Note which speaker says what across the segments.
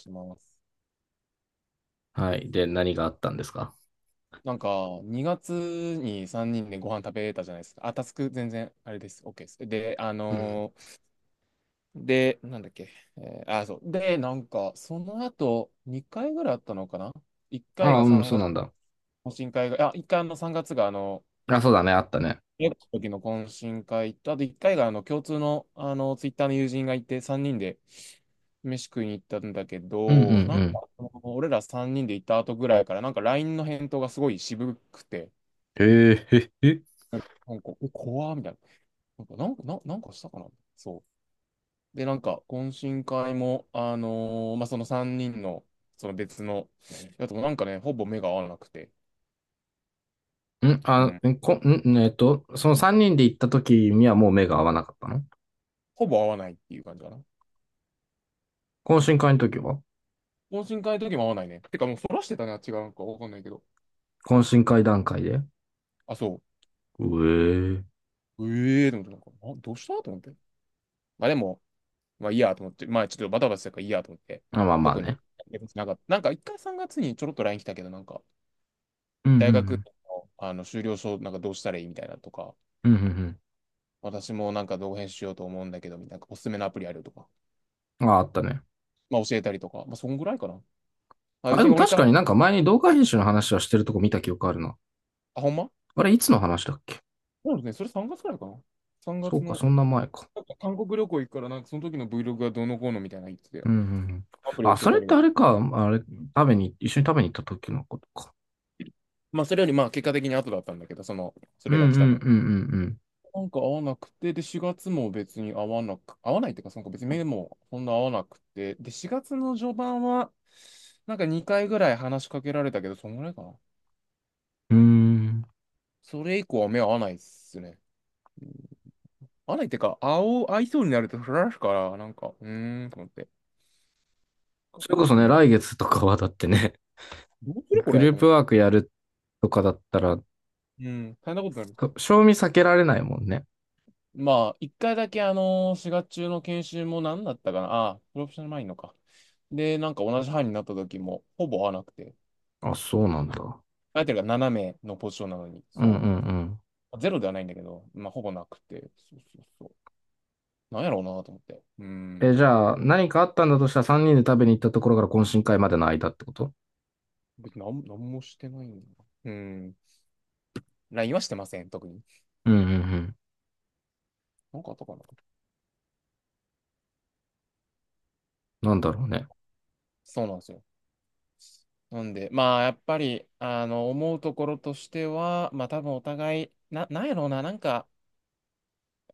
Speaker 1: します。
Speaker 2: はい。で、何があったんですか？
Speaker 1: なんか、2月に3人でご飯食べたじゃないですか。あ、タスク全然、あれです。OK です。で、
Speaker 2: うん。
Speaker 1: で、なんだっけ。あ、そう。で、なんか、その後、2回ぐらいあったのかな？ 1 回
Speaker 2: ああ、
Speaker 1: が
Speaker 2: うん、
Speaker 1: 3
Speaker 2: そう
Speaker 1: 月、
Speaker 2: なんだ。
Speaker 1: 懇親会が、あ、1回あの3月が、あの、
Speaker 2: あ、そうだね、あったね。
Speaker 1: 英語の時の懇親会と、あと1回が、あの、共通の、あの、ツイッターの友人がいて、3人で飯食いに行ったんだけ
Speaker 2: うんうんう
Speaker 1: ど、なんか、
Speaker 2: ん。
Speaker 1: その俺ら3人で行った後ぐらいから、なんか LINE の返答がすごい渋くて、
Speaker 2: へえ、へへへ。
Speaker 1: なんか、なんかえ、怖ーみたいな。なんかしたかな？そう。で、なんか、懇親会も、まあ、その3人の、その別の、やつもなんかね、ほぼ目が合わなくて、
Speaker 2: うん。
Speaker 1: う
Speaker 2: あ、
Speaker 1: ん。
Speaker 2: んこ、ん、えっと、その3人で行った時にはもう目が合わなかったの？
Speaker 1: ほぼ合わないっていう感じかな。
Speaker 2: 懇親会の時は？
Speaker 1: 懇親会の時も合わないね。てか、もうそらしてたね、あっちがなんかわかんないけど。
Speaker 2: 懇親会段階で？
Speaker 1: あ、そ
Speaker 2: うえ
Speaker 1: う。ええー、と思って、なんか、あ、どうしたと思って。まあ、でも、まあ、いいやと思って、まあ、ちょっとバタバタしてたからいいやと思って、
Speaker 2: あ、まあまあ
Speaker 1: 特
Speaker 2: ね。
Speaker 1: に、一回3月にちょろっと LINE 来たけど、なんか、
Speaker 2: うんうんう
Speaker 1: 大学の、
Speaker 2: ん。
Speaker 1: あの修了証なんかどうしたらいいみたいなとか、
Speaker 2: うんうん
Speaker 1: 私もなんか動画編集しようと思うんだけど、みたいな、おすすめのアプリあるとか、
Speaker 2: うん。あ、あったね。
Speaker 1: まあ教えたりとか、まあそんぐらいかな。あ、
Speaker 2: あ、
Speaker 1: 別
Speaker 2: で
Speaker 1: に
Speaker 2: も
Speaker 1: 俺
Speaker 2: 確
Speaker 1: か
Speaker 2: か
Speaker 1: ら、
Speaker 2: になんか前に動画編集の話はしてるとこ見た記憶あるな。
Speaker 1: あ、ほんま。
Speaker 2: あれ、いつの話だっけ？
Speaker 1: そうですね、それ3月くらいかな。3
Speaker 2: そう
Speaker 1: 月
Speaker 2: か、
Speaker 1: の、
Speaker 2: そんな前か。
Speaker 1: なんか韓国旅行行くから、なんかその時の Vlog がどうのこうのみたいな言ってて、
Speaker 2: うんうんうん。
Speaker 1: アプリ
Speaker 2: あ、
Speaker 1: 教
Speaker 2: そ
Speaker 1: えた
Speaker 2: れっ
Speaker 1: り
Speaker 2: て
Speaker 1: と
Speaker 2: あ
Speaker 1: か。
Speaker 2: れか、あれ、食べに、一緒に食べに行った時のことか。
Speaker 1: まあそれよりまあ結果的に後だったんだけど、その、そ
Speaker 2: うん
Speaker 1: れ
Speaker 2: うんう
Speaker 1: が来た
Speaker 2: んう
Speaker 1: の。
Speaker 2: ん
Speaker 1: なんか合わなくて、で4月も別に合わないっていうか、なんか別に目もそんな合わなくて、で4月の序盤は、なんか2回ぐらい話しかけられたけど、そんぐらいかな。
Speaker 2: うん。うーん。
Speaker 1: それ以降は目合わないっすね。合わないっていうか、合いそうになるとフられるから、なんか、うーん、と思って。
Speaker 2: それこそ
Speaker 1: う
Speaker 2: ね、
Speaker 1: ん。
Speaker 2: 来月とかはだってね、
Speaker 1: どう するこ
Speaker 2: グ
Speaker 1: れ
Speaker 2: ル
Speaker 1: と
Speaker 2: ー
Speaker 1: 思っ
Speaker 2: プワー
Speaker 1: て。
Speaker 2: クやるとかだったら、
Speaker 1: うん、大変なことになる。
Speaker 2: と賞味避けられないもんね。
Speaker 1: まあ、一回だけ4月中の研修も何だったかな。ああ、プロフェッショナルマインドか。で、なんか同じ班になった時も、ほぼ合わなくて。
Speaker 2: あ、そうなんだ。
Speaker 1: 相手が斜めのポジションなのに、
Speaker 2: うんう
Speaker 1: そ
Speaker 2: んうん。
Speaker 1: う。ゼロではないんだけど、まあ、ほぼなくて。そうそうそう。なんやろうなと思って。うー
Speaker 2: え、じ
Speaker 1: ん。
Speaker 2: ゃあ、何かあったんだとしたら3人で食べに行ったところから懇親会までの間ってこと？
Speaker 1: 別になんもしてないんだな。うーん。LINE はしてません、特に。
Speaker 2: うんうんうん。
Speaker 1: なんかあったかな。
Speaker 2: なんだろうね。
Speaker 1: そうなんですよ。なんで、まあ、やっぱり、あの、思うところとしては、まあ、多分お互い、なんやろうな、なんか、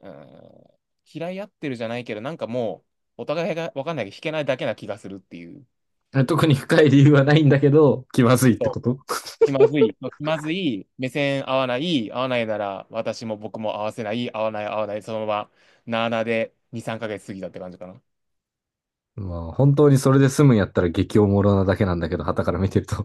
Speaker 1: うーん、嫌い合ってるじゃないけど、なんかもう、お互いが分かんないけど、引けないだけな気がするっていう。
Speaker 2: え、特に深い理由はないんだけど、気まずいって
Speaker 1: そ
Speaker 2: こ
Speaker 1: う。
Speaker 2: と？
Speaker 1: 気まずい。そう気まずい。目線合わない。合わないなら、私も僕も合わせない。合わない、合わない。そのまま、なあなあで2、3ヶ月過ぎたって感じかな。
Speaker 2: まあ、本当にそれで済むんやったら激おもろなだけなんだけど、傍から見てると。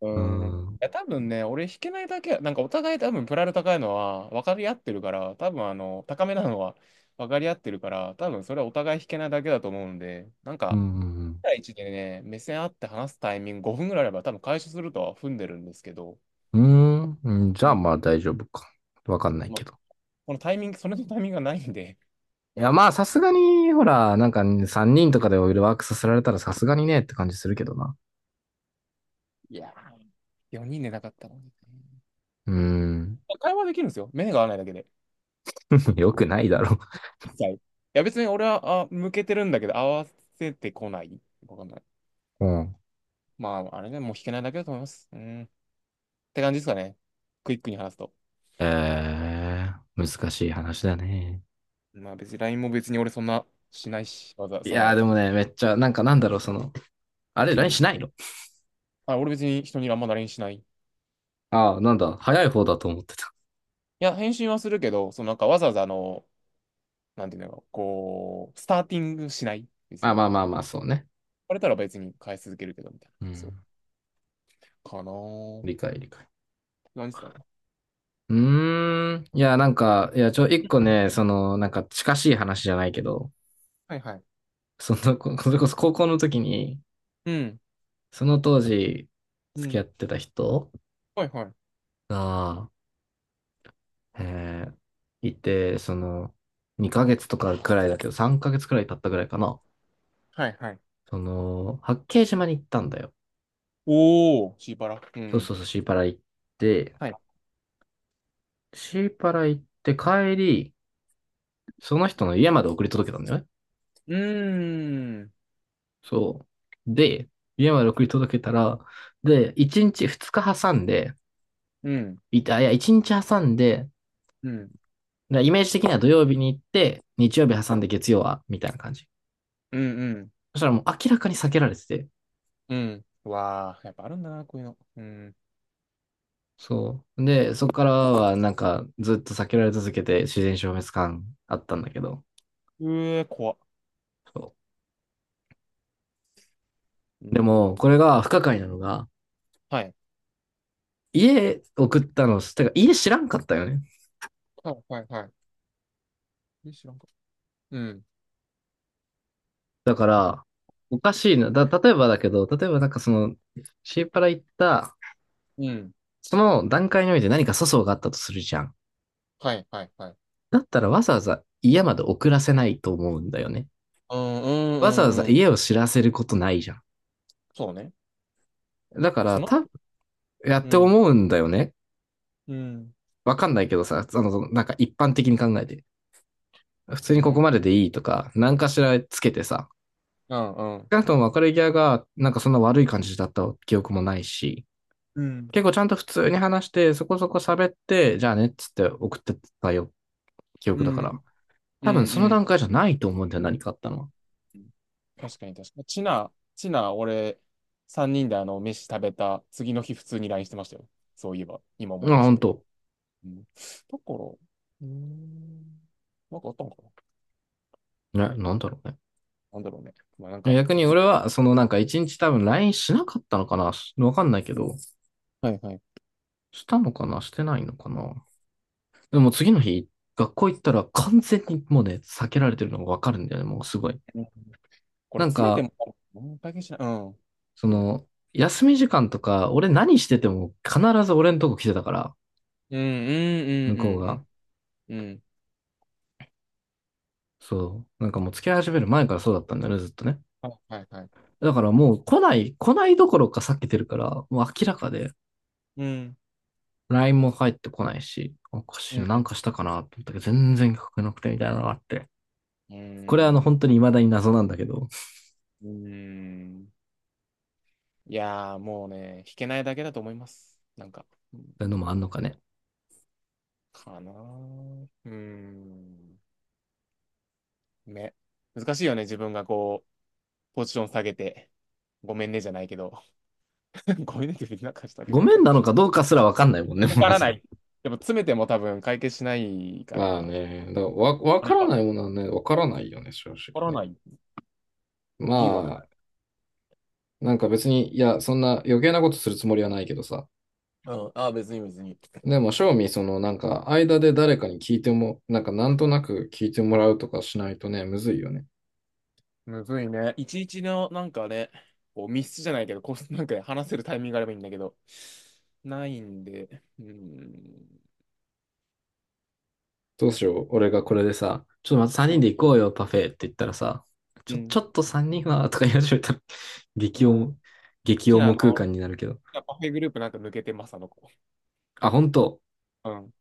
Speaker 1: う
Speaker 2: うー
Speaker 1: ん。い
Speaker 2: ん。
Speaker 1: や、多分ね、俺弾けないだけや、なんかお互い多分プライド高いのは分かり合ってるから、多分あの、高めなのは分かり合ってるから、多分それはお互い弾けないだけだと思うんで、なん
Speaker 2: うん。う
Speaker 1: か、
Speaker 2: ん。
Speaker 1: 1対1でね、目線合って話すタイミング5分ぐらいあれば多分解消するとは踏んでるんですけど、
Speaker 2: うんうん、じゃ
Speaker 1: う
Speaker 2: あ
Speaker 1: ん。
Speaker 2: まあ大丈夫か。わかんない
Speaker 1: ま
Speaker 2: け
Speaker 1: あ、
Speaker 2: ど。
Speaker 1: このタイミング、それのタイミングがないんで、
Speaker 2: いや、まあさすがに、ほら、なんか3人とかでオイルワークさせられたらさすがにねって感じするけどな。
Speaker 1: いやー、4人でなかったのにね。
Speaker 2: うーん。
Speaker 1: 会話できるんですよ。目が合わないだけで。
Speaker 2: よくないだろ
Speaker 1: 一切。いや、別に俺は、あ、向けてるんだけど、合わせてこない。わかんない。
Speaker 2: う。うん。
Speaker 1: まあ、あれね、もう弾けないだけだと思います。うん。って感じですかね。クイックに話すと。
Speaker 2: え難しい話だね。
Speaker 1: まあ別に LINE も別に俺そんなしないし、わざ、
Speaker 2: い
Speaker 1: そ
Speaker 2: やー
Speaker 1: の、
Speaker 2: でもね、めっちゃ、なんかなんだろう、その、あれ、
Speaker 1: う
Speaker 2: LINE し
Speaker 1: ん。
Speaker 2: ないの？
Speaker 1: あ、俺別に人にあんま l i n しない。い
Speaker 2: ああ、なんだ、早い方だと思ってた。
Speaker 1: や、返信はするけど、そのなんかわざわざあの、なんていうのこう、スターティングしない。別
Speaker 2: あ、
Speaker 1: に。言
Speaker 2: まあまあまあ、そうね。
Speaker 1: われたら別に返し続けるけど、みたいな。
Speaker 2: う
Speaker 1: そう。
Speaker 2: ん。
Speaker 1: かなー。
Speaker 2: 理解理解。
Speaker 1: 何ですかね。
Speaker 2: うーん。いや、なんか、いや、一個ね、その、なんか近しい話じゃないけど、
Speaker 1: はいはい。
Speaker 2: その、それこそ高校の時に、
Speaker 1: うん。
Speaker 2: その当時、
Speaker 1: う
Speaker 2: 付き合っ
Speaker 1: ん。
Speaker 2: てた人
Speaker 1: はいはい。
Speaker 2: が、えーいて、その、2ヶ月とかくらいだけど、3ヶ月くらい経ったくらいかな。
Speaker 1: はいはい。
Speaker 2: その、八景島に行ったんだよ。
Speaker 1: おー、シーパラ。う
Speaker 2: そう
Speaker 1: ん。
Speaker 2: そうそう、て、
Speaker 1: はい。
Speaker 2: シーパラ行って帰り、その人の家まで送り届けたんだよね。
Speaker 1: うーん。
Speaker 2: そう。で、家まで送り届けたら、で、1日、2日挟んで、
Speaker 1: うん。
Speaker 2: いや、1日挟んで、だか
Speaker 1: うん。
Speaker 2: らイメージ的には土曜日に行って、日曜日挟んで月曜は、みたいな感じ。
Speaker 1: うんうん。
Speaker 2: そしたらもう明らかに避けられてて。
Speaker 1: うん。うわあ、やっぱあるんだな、こういうの。うん。
Speaker 2: そう。で、そこからはなんかずっと避けられ続けて自然消滅感あったんだけど。
Speaker 1: うえ、怖っ。
Speaker 2: そ
Speaker 1: う
Speaker 2: う。でも、
Speaker 1: ん。
Speaker 2: これが不可解なのが、
Speaker 1: はい。
Speaker 2: 家送ったの、てか家知らんかったよね。
Speaker 1: はい、はい、はい。え、知らんか。うん。
Speaker 2: だから、おかしいな。例えばだけど、例えばなんかその、シーパラ行った
Speaker 1: うん。
Speaker 2: その段階において何か粗相があったとするじゃん。
Speaker 1: はい、はい、はい。
Speaker 2: だったらわざわざ家まで送らせないと思うんだよね。
Speaker 1: うん、う
Speaker 2: わざ
Speaker 1: ん、
Speaker 2: わ
Speaker 1: う
Speaker 2: ざ
Speaker 1: ん、うん。
Speaker 2: 家を知らせることないじゃん。
Speaker 1: そうね。
Speaker 2: だか
Speaker 1: そ
Speaker 2: ら、
Speaker 1: の
Speaker 2: やっ
Speaker 1: う
Speaker 2: て
Speaker 1: ん。
Speaker 2: 思うんだよね。
Speaker 1: うん。
Speaker 2: わかんないけどさ、あの、なんか一般的に考えて。普通
Speaker 1: う
Speaker 2: にここ
Speaker 1: ん。
Speaker 2: まででいいとか、何かしらつけてさ。
Speaker 1: うん、うん。
Speaker 2: 少なくとも別れ際が、なんかそんな悪い感じだった記憶もないし、
Speaker 1: うん。
Speaker 2: 結構ちゃんと普通に話して、そこそこ喋って、じゃあねっつって送ってたよ、記
Speaker 1: う
Speaker 2: 憶だか
Speaker 1: ん、
Speaker 2: ら。
Speaker 1: う
Speaker 2: 多分その
Speaker 1: ん、
Speaker 2: 段階じゃないと思うんだよ、何かあったのは。
Speaker 1: うん。確かに、確かに。チナ、チナ、俺、3人であの、飯食べた次の日、普通にラインしてましたよ。そういえば、今思
Speaker 2: う
Speaker 1: い
Speaker 2: ん、
Speaker 1: 出した
Speaker 2: 本
Speaker 1: けど。
Speaker 2: 当？
Speaker 1: うん。だから、うーん。なんかあったんかな。
Speaker 2: え、なんだろうね。
Speaker 1: なんだろうね。まあなんか、
Speaker 2: 逆に
Speaker 1: ちょっ
Speaker 2: 俺は、そのなんか一日多分 LINE しなかったのかな、し、わかんないけど、
Speaker 1: はいはい。
Speaker 2: したのかな、してないのかな。でも次の日、学校行ったら完全にもうね、避けられてるのがわかるんだよね、もうすごい。
Speaker 1: とこれ
Speaker 2: なん
Speaker 1: 詰めて
Speaker 2: か、
Speaker 1: も、もう解決しない。うん。
Speaker 2: そ
Speaker 1: いいよ。
Speaker 2: の、休み時間とか、俺何してても必ず俺のとこ来てたから、
Speaker 1: うんうんう
Speaker 2: 向
Speaker 1: ん
Speaker 2: こう
Speaker 1: うん
Speaker 2: が。
Speaker 1: うんうん
Speaker 2: そう。なんかもう付き合い始める前からそうだったんだよね、ずっとね。
Speaker 1: はいはいはい。
Speaker 2: だからもう来ない、来ないどころか避けてるから、もう明らかで。
Speaker 1: うん
Speaker 2: LINE も返ってこないし、おかし
Speaker 1: う
Speaker 2: いな、
Speaker 1: ん
Speaker 2: な
Speaker 1: う
Speaker 2: ん
Speaker 1: ん
Speaker 2: かしたかなと思ったけど、全然書けなくてみたいなのがあって。
Speaker 1: うー
Speaker 2: これはあの、
Speaker 1: ん
Speaker 2: 本当に未だに謎なんだけど、そ
Speaker 1: うんん。いやーもうね弾けないだけだと思いますなんかうん
Speaker 2: ういうのもあんのかね。
Speaker 1: かなーうーんね、難しいよね、自分がこうポジション下げてごめんねじゃないけど ごめんねって別になんかしたわけ
Speaker 2: ご
Speaker 1: じゃない
Speaker 2: め
Speaker 1: け
Speaker 2: ん
Speaker 1: ど、
Speaker 2: なのかどうかすらわかんないもんね、
Speaker 1: わ か
Speaker 2: ま
Speaker 1: ら
Speaker 2: ず
Speaker 1: な
Speaker 2: ね。
Speaker 1: い。でも詰めても多分解決しないか
Speaker 2: まあ
Speaker 1: ら、
Speaker 2: ね、だからわ
Speaker 1: あれ
Speaker 2: から
Speaker 1: か
Speaker 2: な
Speaker 1: わ
Speaker 2: いものはね、わからないよね、正直
Speaker 1: から
Speaker 2: ね。
Speaker 1: ない。
Speaker 2: ま
Speaker 1: 理由わか
Speaker 2: あ、なんか別に、いや、そんな余計なことするつもりはないけどさ。
Speaker 1: らない。うん。ああ、別に別に。
Speaker 2: でも、正味、その、なんか、間で誰かに聞いても、なんか、なんとなく聞いてもらうとかしないとね、むずいよね。
Speaker 1: むずいね。いちいちの、なんかね、こう密室じゃないけど、こう、なんかね話せるタイミングがあればいいんだけど、ないんで、うーん。
Speaker 2: どうしよう。俺がこれでさ、ちょっとまた3
Speaker 1: う
Speaker 2: 人
Speaker 1: ん
Speaker 2: で行こうよ、パフェって言ったらさ、
Speaker 1: う
Speaker 2: ち
Speaker 1: ん
Speaker 2: ょっと3人は、とか言い始めたら、
Speaker 1: う
Speaker 2: 激
Speaker 1: ん好
Speaker 2: 重、激
Speaker 1: きなあ
Speaker 2: 重
Speaker 1: の、
Speaker 2: 空間になるけど。
Speaker 1: パフェグループなんか抜けてます、あの子。
Speaker 2: あ、本当？
Speaker 1: うん。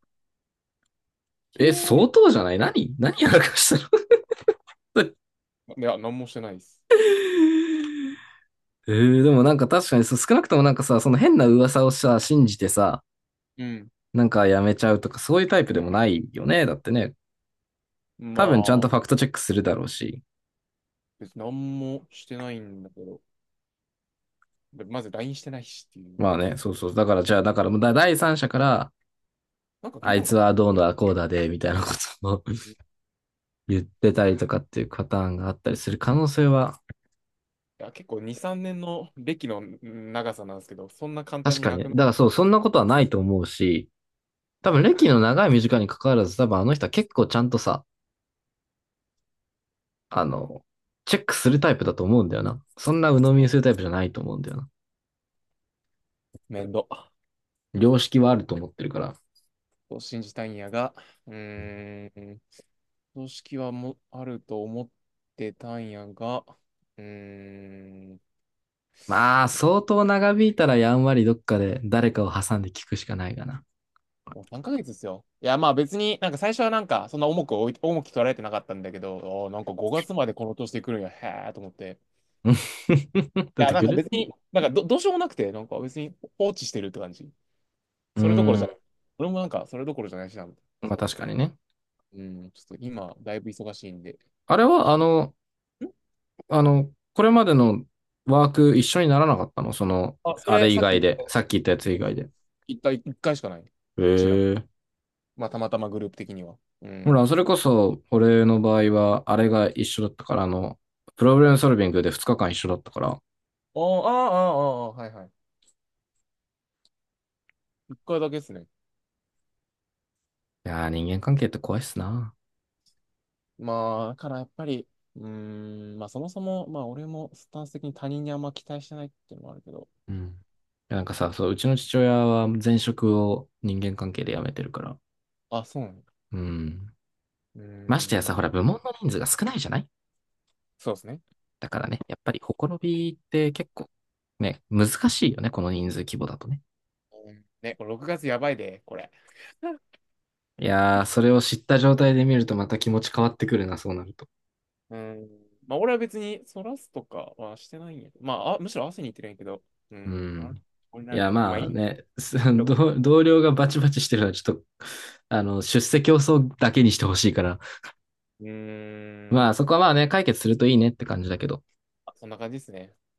Speaker 1: ひ
Speaker 2: え、
Speaker 1: え
Speaker 2: 相
Speaker 1: ー。
Speaker 2: 当じゃない、何何やらかしたの？
Speaker 1: いや、なんもしてないです。
Speaker 2: でもなんか確かにそう、少なくともなんかさ、その変な噂をさ、信じてさ、
Speaker 1: うん。
Speaker 2: なんかやめちゃうとか、そういうタイプでもないよね。だってね、
Speaker 1: ま
Speaker 2: 多分ちゃん
Speaker 1: あ、
Speaker 2: とファクトチェックするだろうし。
Speaker 1: 別になんもしてないんだけど、でまずラインしてないしっていう。
Speaker 2: まあね、そうそう。だからじゃあ、だからもう第三者から、
Speaker 1: なんか聞い
Speaker 2: あ
Speaker 1: た
Speaker 2: い
Speaker 1: んか
Speaker 2: つ
Speaker 1: な。
Speaker 2: はどうだ、こうだで、みたいなことを
Speaker 1: う
Speaker 2: 言ってたりとかっていうパターンがあったりする可能性は？
Speaker 1: いや、結構2、3年の歴の長さなんですけど、そんな簡単
Speaker 2: 確
Speaker 1: に
Speaker 2: かに
Speaker 1: な
Speaker 2: ね。
Speaker 1: く
Speaker 2: だ
Speaker 1: なっ
Speaker 2: からそう、そんなことはないと思うし、多分
Speaker 1: た。
Speaker 2: 歴の長い短いに関わらず、多分あの人は結構ちゃんとさ、あの、チェックするタイプだと思うんだよな。そんな鵜呑みにするタイプじゃないと思うんだよな。
Speaker 1: 面倒。
Speaker 2: 良識はあると思ってるから。
Speaker 1: と信じたいんやが、うーん、組織はもあると思ってたんやが、うーん、
Speaker 2: まあ、相当長引いたらやんわりどっかで誰かを挟んで聞くしかないかな。
Speaker 1: もう3ヶ月ですよ。いや、まあ別になんか最初はなんかそんな重く置い、重き取られてなかったんだけど、あーなんか5月までこの年で来るんや、へーと思って。い
Speaker 2: 出
Speaker 1: や、
Speaker 2: て
Speaker 1: なん
Speaker 2: く
Speaker 1: か
Speaker 2: る。
Speaker 1: 別に、どうしようもなくて、なんか別に放置してるって感じ。
Speaker 2: うー
Speaker 1: それどころじゃない。
Speaker 2: ん。
Speaker 1: 俺もなんかそれどころじゃないしな。
Speaker 2: まあ
Speaker 1: そう。
Speaker 2: 確かにね。
Speaker 1: うん、ちょっと今、だいぶ忙しいんで。
Speaker 2: あれは、あの、
Speaker 1: ん。
Speaker 2: これまでのワーク一緒にならなかったのその、
Speaker 1: あ、そ
Speaker 2: あ
Speaker 1: れ、
Speaker 2: れ以
Speaker 1: さっき言
Speaker 2: 外
Speaker 1: っ
Speaker 2: で、
Speaker 1: た、
Speaker 2: さっき言ったやつ以外で？
Speaker 1: 一回、一回しかない。ちな。
Speaker 2: へえ。
Speaker 1: まあ、たまたまグループ的には。う
Speaker 2: ほら、
Speaker 1: ん。
Speaker 2: それこそ、俺の場合は、あれが一緒だったから、あの、プロブレムソルビングで2日間一緒だったから。
Speaker 1: ああ、ああ、ああ、はいはい。一回だけですね。
Speaker 2: いやー、人間関係って怖いっすな。
Speaker 1: まあ、だからやっぱり、うーん、まあ、そもそも、まあ、俺もスタンス的に他人にあんま期待してないっていうのもあるけど。
Speaker 2: うん。いやなんかさ、そう、うちの父親は前職を人間関係で辞めてるから。
Speaker 1: あ、そうなの。
Speaker 2: うん。
Speaker 1: うー
Speaker 2: ましてやさ、
Speaker 1: ん、
Speaker 2: ほら、部門の人数が少ないじゃない？
Speaker 1: そうですね。
Speaker 2: だからね、やっぱり、ほころびって結構、ね、難しいよね、この人数規模だとね。
Speaker 1: うんね、これ6月やばいで、これ。
Speaker 2: いやー、それを知った状態で見るとまた気持ち変わってくるな、そうなると。
Speaker 1: うーん。まあ、俺は別に、そらすとかはしてないんやけど。まあ、あ、むしろ汗に行ってるんやけど。う
Speaker 2: う
Speaker 1: ん。あれ
Speaker 2: ん。
Speaker 1: これ
Speaker 2: い
Speaker 1: ないみ
Speaker 2: や、
Speaker 1: たいな。まあ、
Speaker 2: まあ
Speaker 1: い
Speaker 2: ね、
Speaker 1: とこ。
Speaker 2: 同僚がバチバチしてるのはちょっと、あの、出世競争だけにしてほしいから。
Speaker 1: うー
Speaker 2: まあ、
Speaker 1: ん。
Speaker 2: そこはまあね、解決するといいねって感じだけど。
Speaker 1: あそんな感じですね。